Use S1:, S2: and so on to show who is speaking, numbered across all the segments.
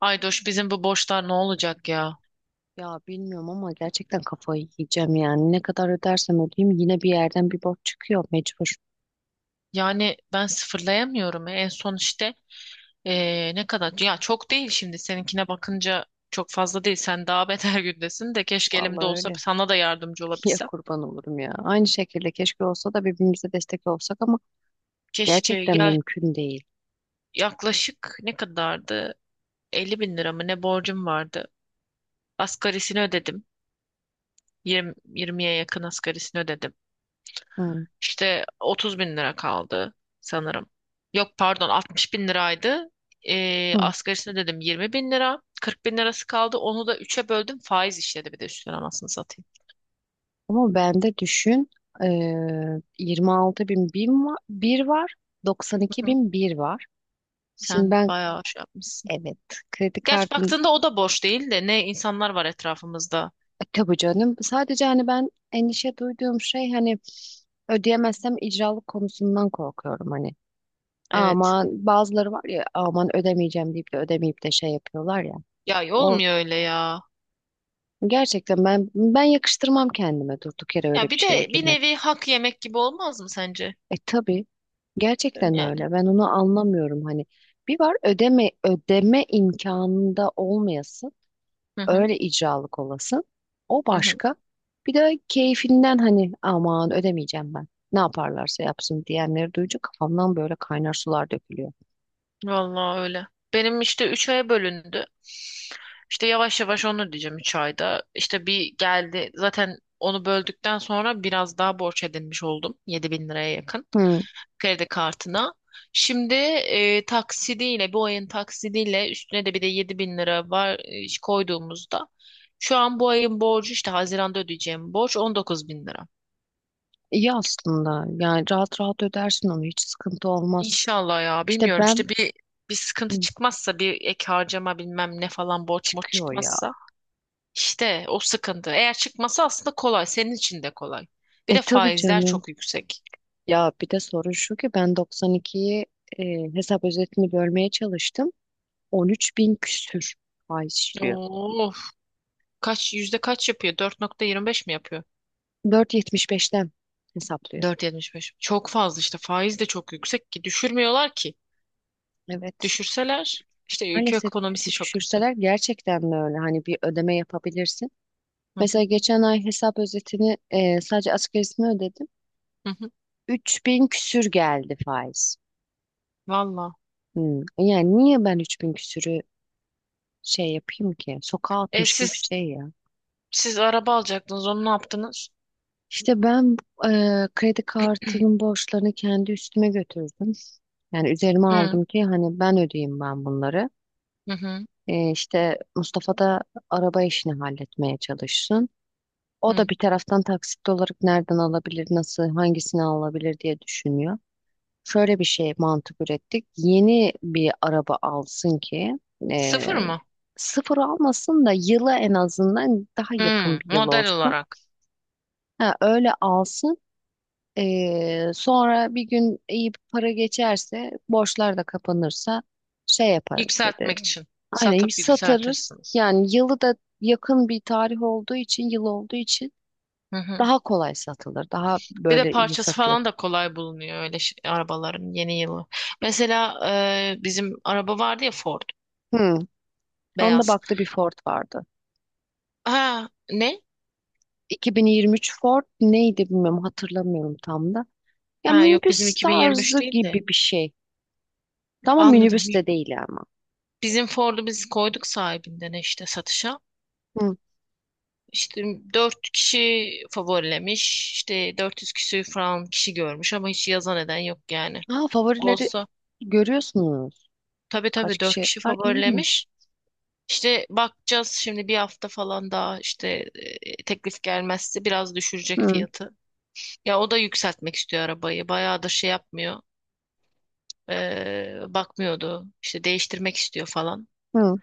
S1: Aydoş bizim bu borçlar ne olacak ya?
S2: Ya bilmiyorum ama gerçekten kafayı yiyeceğim yani. Ne kadar ödersem ödeyeyim yine bir yerden bir borç çıkıyor mecbur.
S1: Yani ben sıfırlayamıyorum. En son işte ne kadar? Ya çok değil şimdi seninkine bakınca çok fazla değil. Sen daha beter gündesin de keşke elimde
S2: Vallahi
S1: olsa
S2: öyle.
S1: sana da yardımcı
S2: Ya
S1: olabilsem.
S2: kurban olurum ya. Aynı şekilde keşke olsa da birbirimize destek olsak ama
S1: Keşke
S2: gerçekten
S1: ya
S2: mümkün değil.
S1: yaklaşık ne kadardı? 50 bin lira mı ne borcum vardı? Asgarisini ödedim. 20'ye yakın asgarisini ödedim.
S2: Hı,
S1: İşte 30 bin lira kaldı sanırım. Yok pardon 60 bin liraydı.
S2: hı.
S1: Asgarisini dedim 20 bin lira. 40 bin lirası kaldı. Onu da üçe böldüm. Faiz işledi bir de üstüne anasını satayım.
S2: Ama bende düşün, 26 bin bir var, 92
S1: Hı hı.
S2: bin bir var. Şimdi
S1: Sen
S2: ben,
S1: bayağı şey yapmışsın.
S2: evet, kredi
S1: Gerçi
S2: kartı.
S1: baktığında o da boş değil de ne insanlar var etrafımızda.
S2: E, tabii canım. Sadece hani ben endişe duyduğum şey, hani ödeyemezsem icralık konusundan korkuyorum hani.
S1: Evet.
S2: Aman bazıları var ya, aman ödemeyeceğim deyip de ödemeyip de şey yapıyorlar ya.
S1: Ya
S2: O
S1: olmuyor öyle ya.
S2: gerçekten, ben yakıştırmam kendime durduk yere
S1: Ya
S2: öyle bir
S1: bir
S2: şeye
S1: de bir
S2: girmek.
S1: nevi hak yemek gibi olmaz mı sence?
S2: E tabii, gerçekten
S1: Yani.
S2: öyle. Ben onu anlamıyorum hani. Bir var ödeme, ödeme imkanında olmayası.
S1: Hı hı.
S2: Öyle icralık olasın. O
S1: Hı hı.
S2: başka. Bir de keyfinden hani, aman ödemeyeceğim ben. Ne yaparlarsa yapsın diyenleri duyunca kafamdan böyle kaynar sular dökülüyor.
S1: Vallahi öyle. Benim işte 3 aya bölündü. İşte yavaş yavaş onu diyeceğim 3 ayda. İşte bir geldi. Zaten onu böldükten sonra biraz daha borç edinmiş oldum. 7.000 liraya yakın
S2: Hı,
S1: kredi kartına. Şimdi taksidiyle bu ayın taksidiyle üstüne de bir de 7.000 lira var, koyduğumuzda şu an bu ayın borcu işte Haziran'da ödeyeceğim borç 19.000 lira.
S2: iyi aslında. Yani rahat rahat ödersin onu. Hiç sıkıntı olmaz.
S1: İnşallah ya
S2: İşte
S1: bilmiyorum
S2: ben.
S1: işte bir sıkıntı
S2: Hı,
S1: çıkmazsa, bir ek harcama bilmem ne falan borç moç
S2: çıkıyor ya.
S1: çıkmazsa. İşte o sıkıntı. Eğer çıkması aslında kolay. Senin için de kolay. Bir
S2: E
S1: de
S2: tabii
S1: faizler
S2: canım.
S1: çok yüksek.
S2: Ya bir de sorun şu ki, ben 92'yi, e, hesap özetini bölmeye çalıştım. 13 bin küsür ay işliyor.
S1: Oo, kaç yüzde kaç yapıyor? 4,25 mi yapıyor?
S2: 4,75'ten hesaplıyor.
S1: 4,75. Çok fazla işte. Faiz de çok yüksek ki düşürmüyorlar ki.
S2: Evet.
S1: Düşürseler işte ülke
S2: Maalesef
S1: ekonomisi çok kötü.
S2: düşürseler gerçekten de öyle. Hani bir ödeme yapabilirsin.
S1: Hı
S2: Mesela
S1: hı,
S2: geçen ay hesap özetini, sadece asgarisini ödedim.
S1: hı hı.
S2: Üç bin küsür geldi faiz.
S1: Valla.
S2: Hmm. Yani niye ben 3000 küsürü şey yapayım ki? Sokağa
S1: E
S2: atmış gibi bir
S1: siz
S2: şey ya.
S1: siz araba alacaktınız. Onu ne yaptınız?
S2: İşte ben, e, kredi kartının borçlarını kendi üstüme götürdüm. Yani üzerime
S1: Hı
S2: aldım ki hani ben ödeyeyim, ben bunları.
S1: hı hı.
S2: E, işte Mustafa da araba işini halletmeye çalışsın. O
S1: Hı.
S2: da bir taraftan taksit olarak nereden alabilir, nasıl, hangisini alabilir diye düşünüyor. Şöyle bir şey mantık ürettik. Yeni bir araba alsın ki, e,
S1: Sıfır mı?
S2: sıfır almasın da yıla en azından daha yakın
S1: Hı,
S2: bir yıl
S1: model
S2: olsun.
S1: olarak
S2: Ha, öyle alsın. E, sonra bir gün iyi bir para geçerse, borçlar da kapanırsa şey yaparız dedi.
S1: yükseltmek için
S2: Aynen
S1: satıp
S2: satarız.
S1: yükseltirsiniz.
S2: Yani yılı da yakın bir tarih olduğu için, yıl olduğu için
S1: Hı hı.
S2: daha kolay satılır. Daha
S1: Bir de
S2: böyle iyi
S1: parçası
S2: satılır.
S1: falan da kolay bulunuyor öyle arabaların yeni yılı. Mesela bizim araba vardı ya Ford
S2: Hmm. Onda
S1: beyaz.
S2: baktı, bir Ford vardı.
S1: Ha ne?
S2: 2023 Ford neydi bilmiyorum, hatırlamıyorum tam da. Ya
S1: Ha yok bizim
S2: minibüs
S1: 2023
S2: tarzı
S1: değil de.
S2: gibi bir şey. Ama
S1: Anladım.
S2: minibüs de değil ama.
S1: Bizim Ford'u biz koyduk sahibinden işte satışa.
S2: Hı.
S1: İşte 4 kişi favorilemiş. İşte 400 küsür falan kişi görmüş ama hiç yazan eden yok yani.
S2: Ha, favorileri
S1: Olsa
S2: görüyorsunuz.
S1: tabii
S2: Kaç
S1: tabii 4
S2: kişi?
S1: kişi
S2: Ha, iyiymiş.
S1: favorilemiş. İşte bakacağız şimdi bir hafta falan daha işte teklif gelmezse biraz düşürecek
S2: Hı,
S1: fiyatı. Ya o da yükseltmek istiyor arabayı. Bayağıdır şey yapmıyor. Bakmıyordu. İşte değiştirmek istiyor falan.
S2: hı.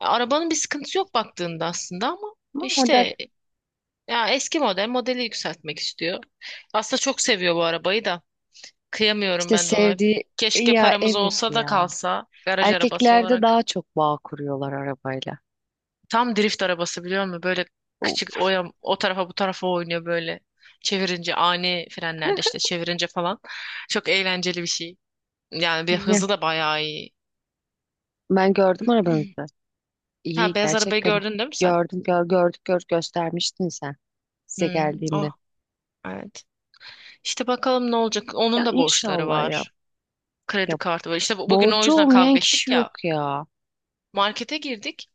S1: Arabanın bir sıkıntısı yok baktığında aslında ama
S2: Ama model
S1: işte ya eski model modeli yükseltmek istiyor. Aslında çok seviyor bu arabayı da. Kıyamıyorum
S2: işte,
S1: ben de ona.
S2: sevdiği
S1: Keşke
S2: ya,
S1: paramız
S2: evet
S1: olsa da
S2: ya.
S1: kalsa garaj arabası
S2: Erkeklerde
S1: olarak.
S2: daha çok bağ kuruyorlar arabayla.
S1: Tam drift arabası biliyor musun? Böyle
S2: O-
S1: küçük o, o tarafa bu tarafa oynuyor böyle. Çevirince ani frenlerde işte çevirince falan. Çok eğlenceli bir şey. Yani bir
S2: Ya,
S1: hızı da bayağı iyi.
S2: ben gördüm arabanızı.
S1: Ha
S2: İyi
S1: beyaz arabayı
S2: gerçekten.
S1: gördün değil mi sen?
S2: Gördüm, gördük, göstermiştin sen, size
S1: Hmm, oh
S2: geldiğimde.
S1: evet. İşte bakalım ne olacak. Onun
S2: Ya
S1: da borçları
S2: inşallah ya.
S1: var.
S2: Ya,
S1: Kredi kartı var. İşte bugün o
S2: borcu
S1: yüzden
S2: olmayan
S1: kavga
S2: kişi
S1: ettik
S2: yok
S1: ya.
S2: ya.
S1: Markete girdik.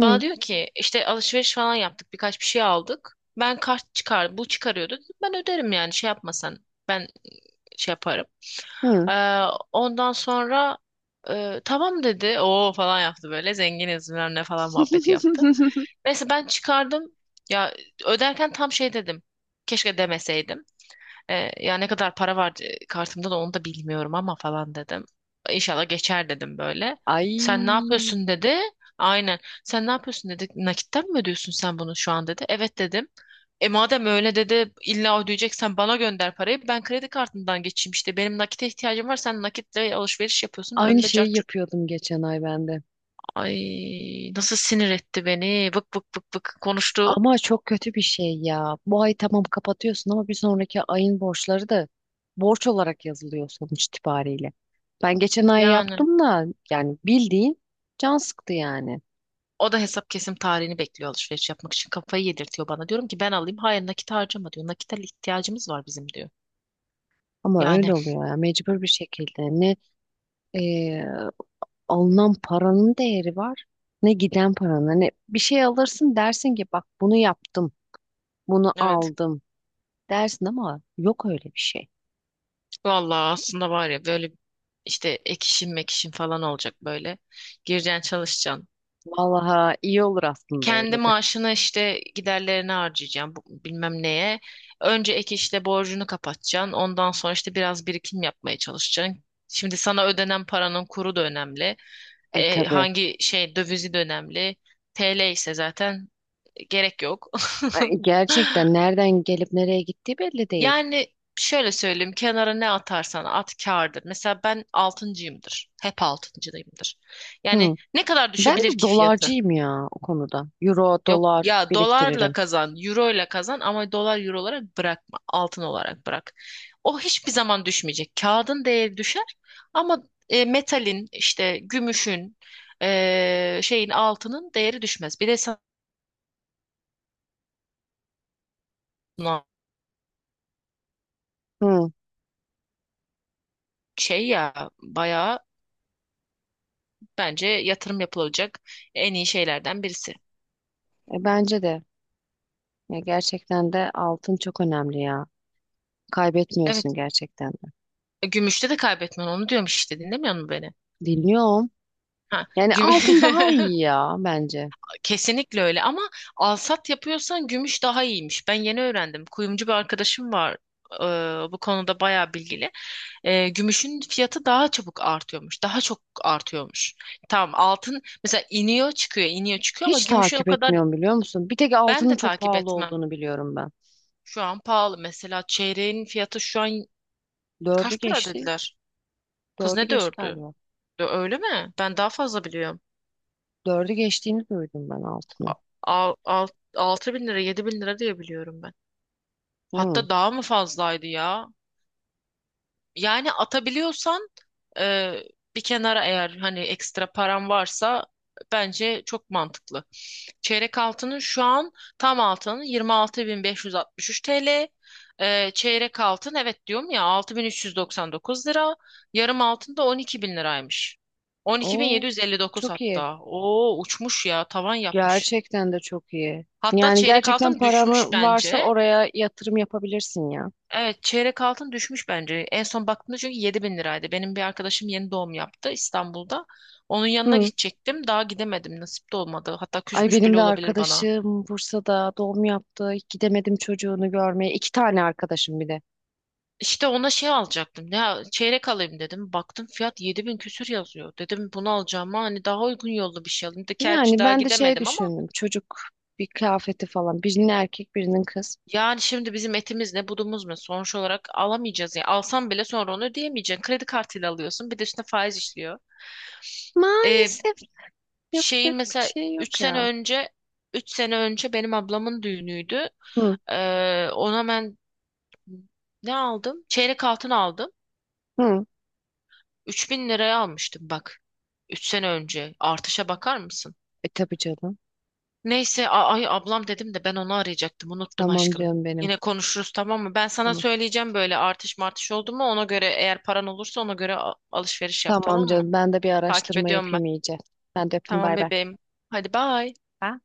S1: Bana
S2: Hı,
S1: diyor ki işte alışveriş falan yaptık. Birkaç bir şey aldık. Ben kart çıkar, bu çıkarıyordu. Dedim, ben öderim yani şey yapmasan. Ben şey yaparım.
S2: hı.
S1: Ee, Ondan sonra tamam dedi. Oo falan yaptı böyle. Zenginiz bilmem ne falan muhabbeti yaptı. Neyse ben çıkardım. Ya öderken tam şey dedim. Keşke demeseydim. Ya ne kadar para var, kartımda da onu da bilmiyorum ama falan dedim. İnşallah geçer dedim böyle.
S2: Ay,
S1: Sen ne yapıyorsun dedi. Aynen. Sen ne yapıyorsun dedi. Nakitten mi ödüyorsun sen bunu şu an dedi. Evet dedim. E madem öyle dedi illa ödeyeceksen bana gönder parayı. Ben kredi kartından geçeyim işte. Benim nakite ihtiyacım var. Sen nakitle alışveriş yapıyorsun.
S2: aynı
S1: Bilmem ne
S2: şeyi
S1: cart curt.
S2: yapıyordum geçen ay ben de.
S1: Ay nasıl sinir etti beni. Vık vık vık vık konuştu.
S2: Ama çok kötü bir şey ya. Bu ay tamam kapatıyorsun ama bir sonraki ayın borçları da borç olarak yazılıyor sonuç itibariyle. Ben geçen ay
S1: Yani.
S2: yaptım da, yani bildiğin can sıktı yani.
S1: O da hesap kesim tarihini bekliyor alışveriş yapmak için. Kafayı yedirtiyor bana. Diyorum ki ben alayım. Hayır nakit harcama diyor. Nakite ihtiyacımız var bizim diyor.
S2: Ama
S1: Yani
S2: öyle oluyor ya, mecbur bir şekilde. Ne, e, alınan paranın değeri var, ne giden paranın. Hani bir şey alırsın, dersin ki bak bunu yaptım, bunu
S1: evet.
S2: aldım dersin ama yok öyle bir şey.
S1: Vallahi aslında var ya böyle işte ek işim mek işim falan olacak böyle. Gireceksin çalışacaksın.
S2: Vallahi iyi olur aslında öyle
S1: Kendi
S2: de.
S1: maaşını işte giderlerine harcayacaksın, bilmem neye. Önce ek işle borcunu kapatacaksın. Ondan sonra işte biraz birikim yapmaya çalışacaksın. Şimdi sana ödenen paranın kuru da önemli.
S2: E tabii.
S1: Hangi şey dövizi de önemli. TL ise zaten gerek yok.
S2: Ay, gerçekten nereden gelip nereye gittiği belli değil.
S1: Yani şöyle söyleyeyim, kenara ne atarsan at kârdır. Mesela ben altıncıyımdır. Hep altıncıdayımdır. Yani
S2: Hı.
S1: ne kadar
S2: Ben
S1: düşebilir
S2: de
S1: ki fiyatı?
S2: dolarcıyım ya o konuda. Euro,
S1: Yok
S2: dolar
S1: ya dolarla
S2: biriktiririm.
S1: kazan, euro ile kazan ama dolar euro olarak bırakma, altın olarak bırak. O hiçbir zaman düşmeyecek. Kağıdın değeri düşer ama metalin işte gümüşün, şeyin altının değeri düşmez. Bir de sana
S2: Hı.
S1: şey ya bayağı bence yatırım yapılacak en iyi şeylerden birisi.
S2: E, bence de. Ya gerçekten de altın çok önemli ya. Kaybetmiyorsun
S1: Evet.
S2: gerçekten de.
S1: Gümüşte de kaybetmen, onu diyorum işte, dinlemiyor musun beni?
S2: Dinliyorum.
S1: Ha,
S2: Yani
S1: güm
S2: altın daha iyi ya bence.
S1: kesinlikle öyle ama alsat yapıyorsan gümüş daha iyiymiş. Ben yeni öğrendim. Kuyumcu bir arkadaşım var. Bu konuda bayağı bilgili. Gümüşün fiyatı daha çabuk artıyormuş. Daha çok artıyormuş. Tamam altın mesela iniyor çıkıyor iniyor çıkıyor ama
S2: Hiç
S1: gümüşün o
S2: takip
S1: kadar
S2: etmiyorum biliyor musun? Bir tek
S1: ben
S2: altının
S1: de
S2: çok
S1: takip
S2: pahalı
S1: etmem.
S2: olduğunu biliyorum ben.
S1: Şu an pahalı. Mesela çeyreğin fiyatı şu an
S2: Dördü
S1: kaç para
S2: geçti.
S1: dediler? Kız
S2: Dördü
S1: ne
S2: geçti
S1: dördü?
S2: galiba.
S1: Öyle mi? Ben daha fazla biliyorum.
S2: Dördü geçtiğini duydum ben,
S1: A-
S2: altının.
S1: al- al- 6.000 lira, 7.000 lira diye biliyorum ben.
S2: Hı.
S1: Hatta daha mı fazlaydı ya? Yani atabiliyorsan e, bir kenara, eğer hani ekstra param varsa bence çok mantıklı. Çeyrek altının şu an tam altının 26.563 TL. Çeyrek altın evet diyorum ya 6.399 lira. Yarım altın da 12.000 liraymış.
S2: Oo,
S1: 12.759
S2: çok iyi.
S1: hatta. Oo uçmuş ya tavan yapmış.
S2: Gerçekten de çok iyi.
S1: Hatta
S2: Yani
S1: çeyrek
S2: gerçekten
S1: altın düşmüş
S2: paranı varsa
S1: bence.
S2: oraya yatırım yapabilirsin ya.
S1: Evet çeyrek altın düşmüş bence. En son baktığımda çünkü 7 bin liraydı. Benim bir arkadaşım yeni doğum yaptı İstanbul'da. Onun yanına
S2: Hı.
S1: gidecektim. Daha gidemedim. Nasip de olmadı. Hatta
S2: Ay,
S1: küsmüş
S2: benim
S1: bile
S2: de
S1: olabilir bana.
S2: arkadaşım Bursa'da doğum yaptı. Gidemedim çocuğunu görmeye. İki tane arkadaşım bir de.
S1: İşte ona şey alacaktım. Ya çeyrek alayım dedim. Baktım fiyat 7.000 bin küsür yazıyor. Dedim bunu alacağıma hani daha uygun yolda bir şey alayım. De gerçi
S2: Yani
S1: daha
S2: ben de şey
S1: gidemedim ama
S2: düşündüm. Çocuk bir kıyafeti falan. Birinin erkek, birinin kız.
S1: yani şimdi bizim etimiz ne budumuz mu? Sonuç olarak alamayacağız ya. Alsam bile sonra onu ödeyemeyeceksin. Kredi kartıyla alıyorsun. Bir de üstüne faiz işliyor. Ee,
S2: Maalesef
S1: Şeyin
S2: yapacak bir
S1: mesela
S2: şey yok
S1: 3 sene
S2: ya.
S1: önce 3 sene önce benim ablamın düğünüydü.
S2: Hı,
S1: Ona ben ne aldım? Çeyrek altın aldım.
S2: hı.
S1: 3.000 liraya almıştım bak. Üç sene önce. Artışa bakar mısın?
S2: E tabii canım.
S1: Neyse ay ablam dedim de ben onu arayacaktım. Unuttum
S2: Tamam
S1: aşkım.
S2: canım benim.
S1: Yine konuşuruz tamam mı? Ben sana
S2: Tamam.
S1: söyleyeceğim böyle artış martış oldu mu, ona göre eğer paran olursa ona göre alışveriş yap,
S2: Tamam
S1: tamam mı?
S2: canım. Ben de bir
S1: Takip
S2: araştırma
S1: ediyorum ben.
S2: yapayım iyice. Ben de öptüm.
S1: Tamam
S2: Bay bay.
S1: bebeğim. Hadi bye.
S2: Bye.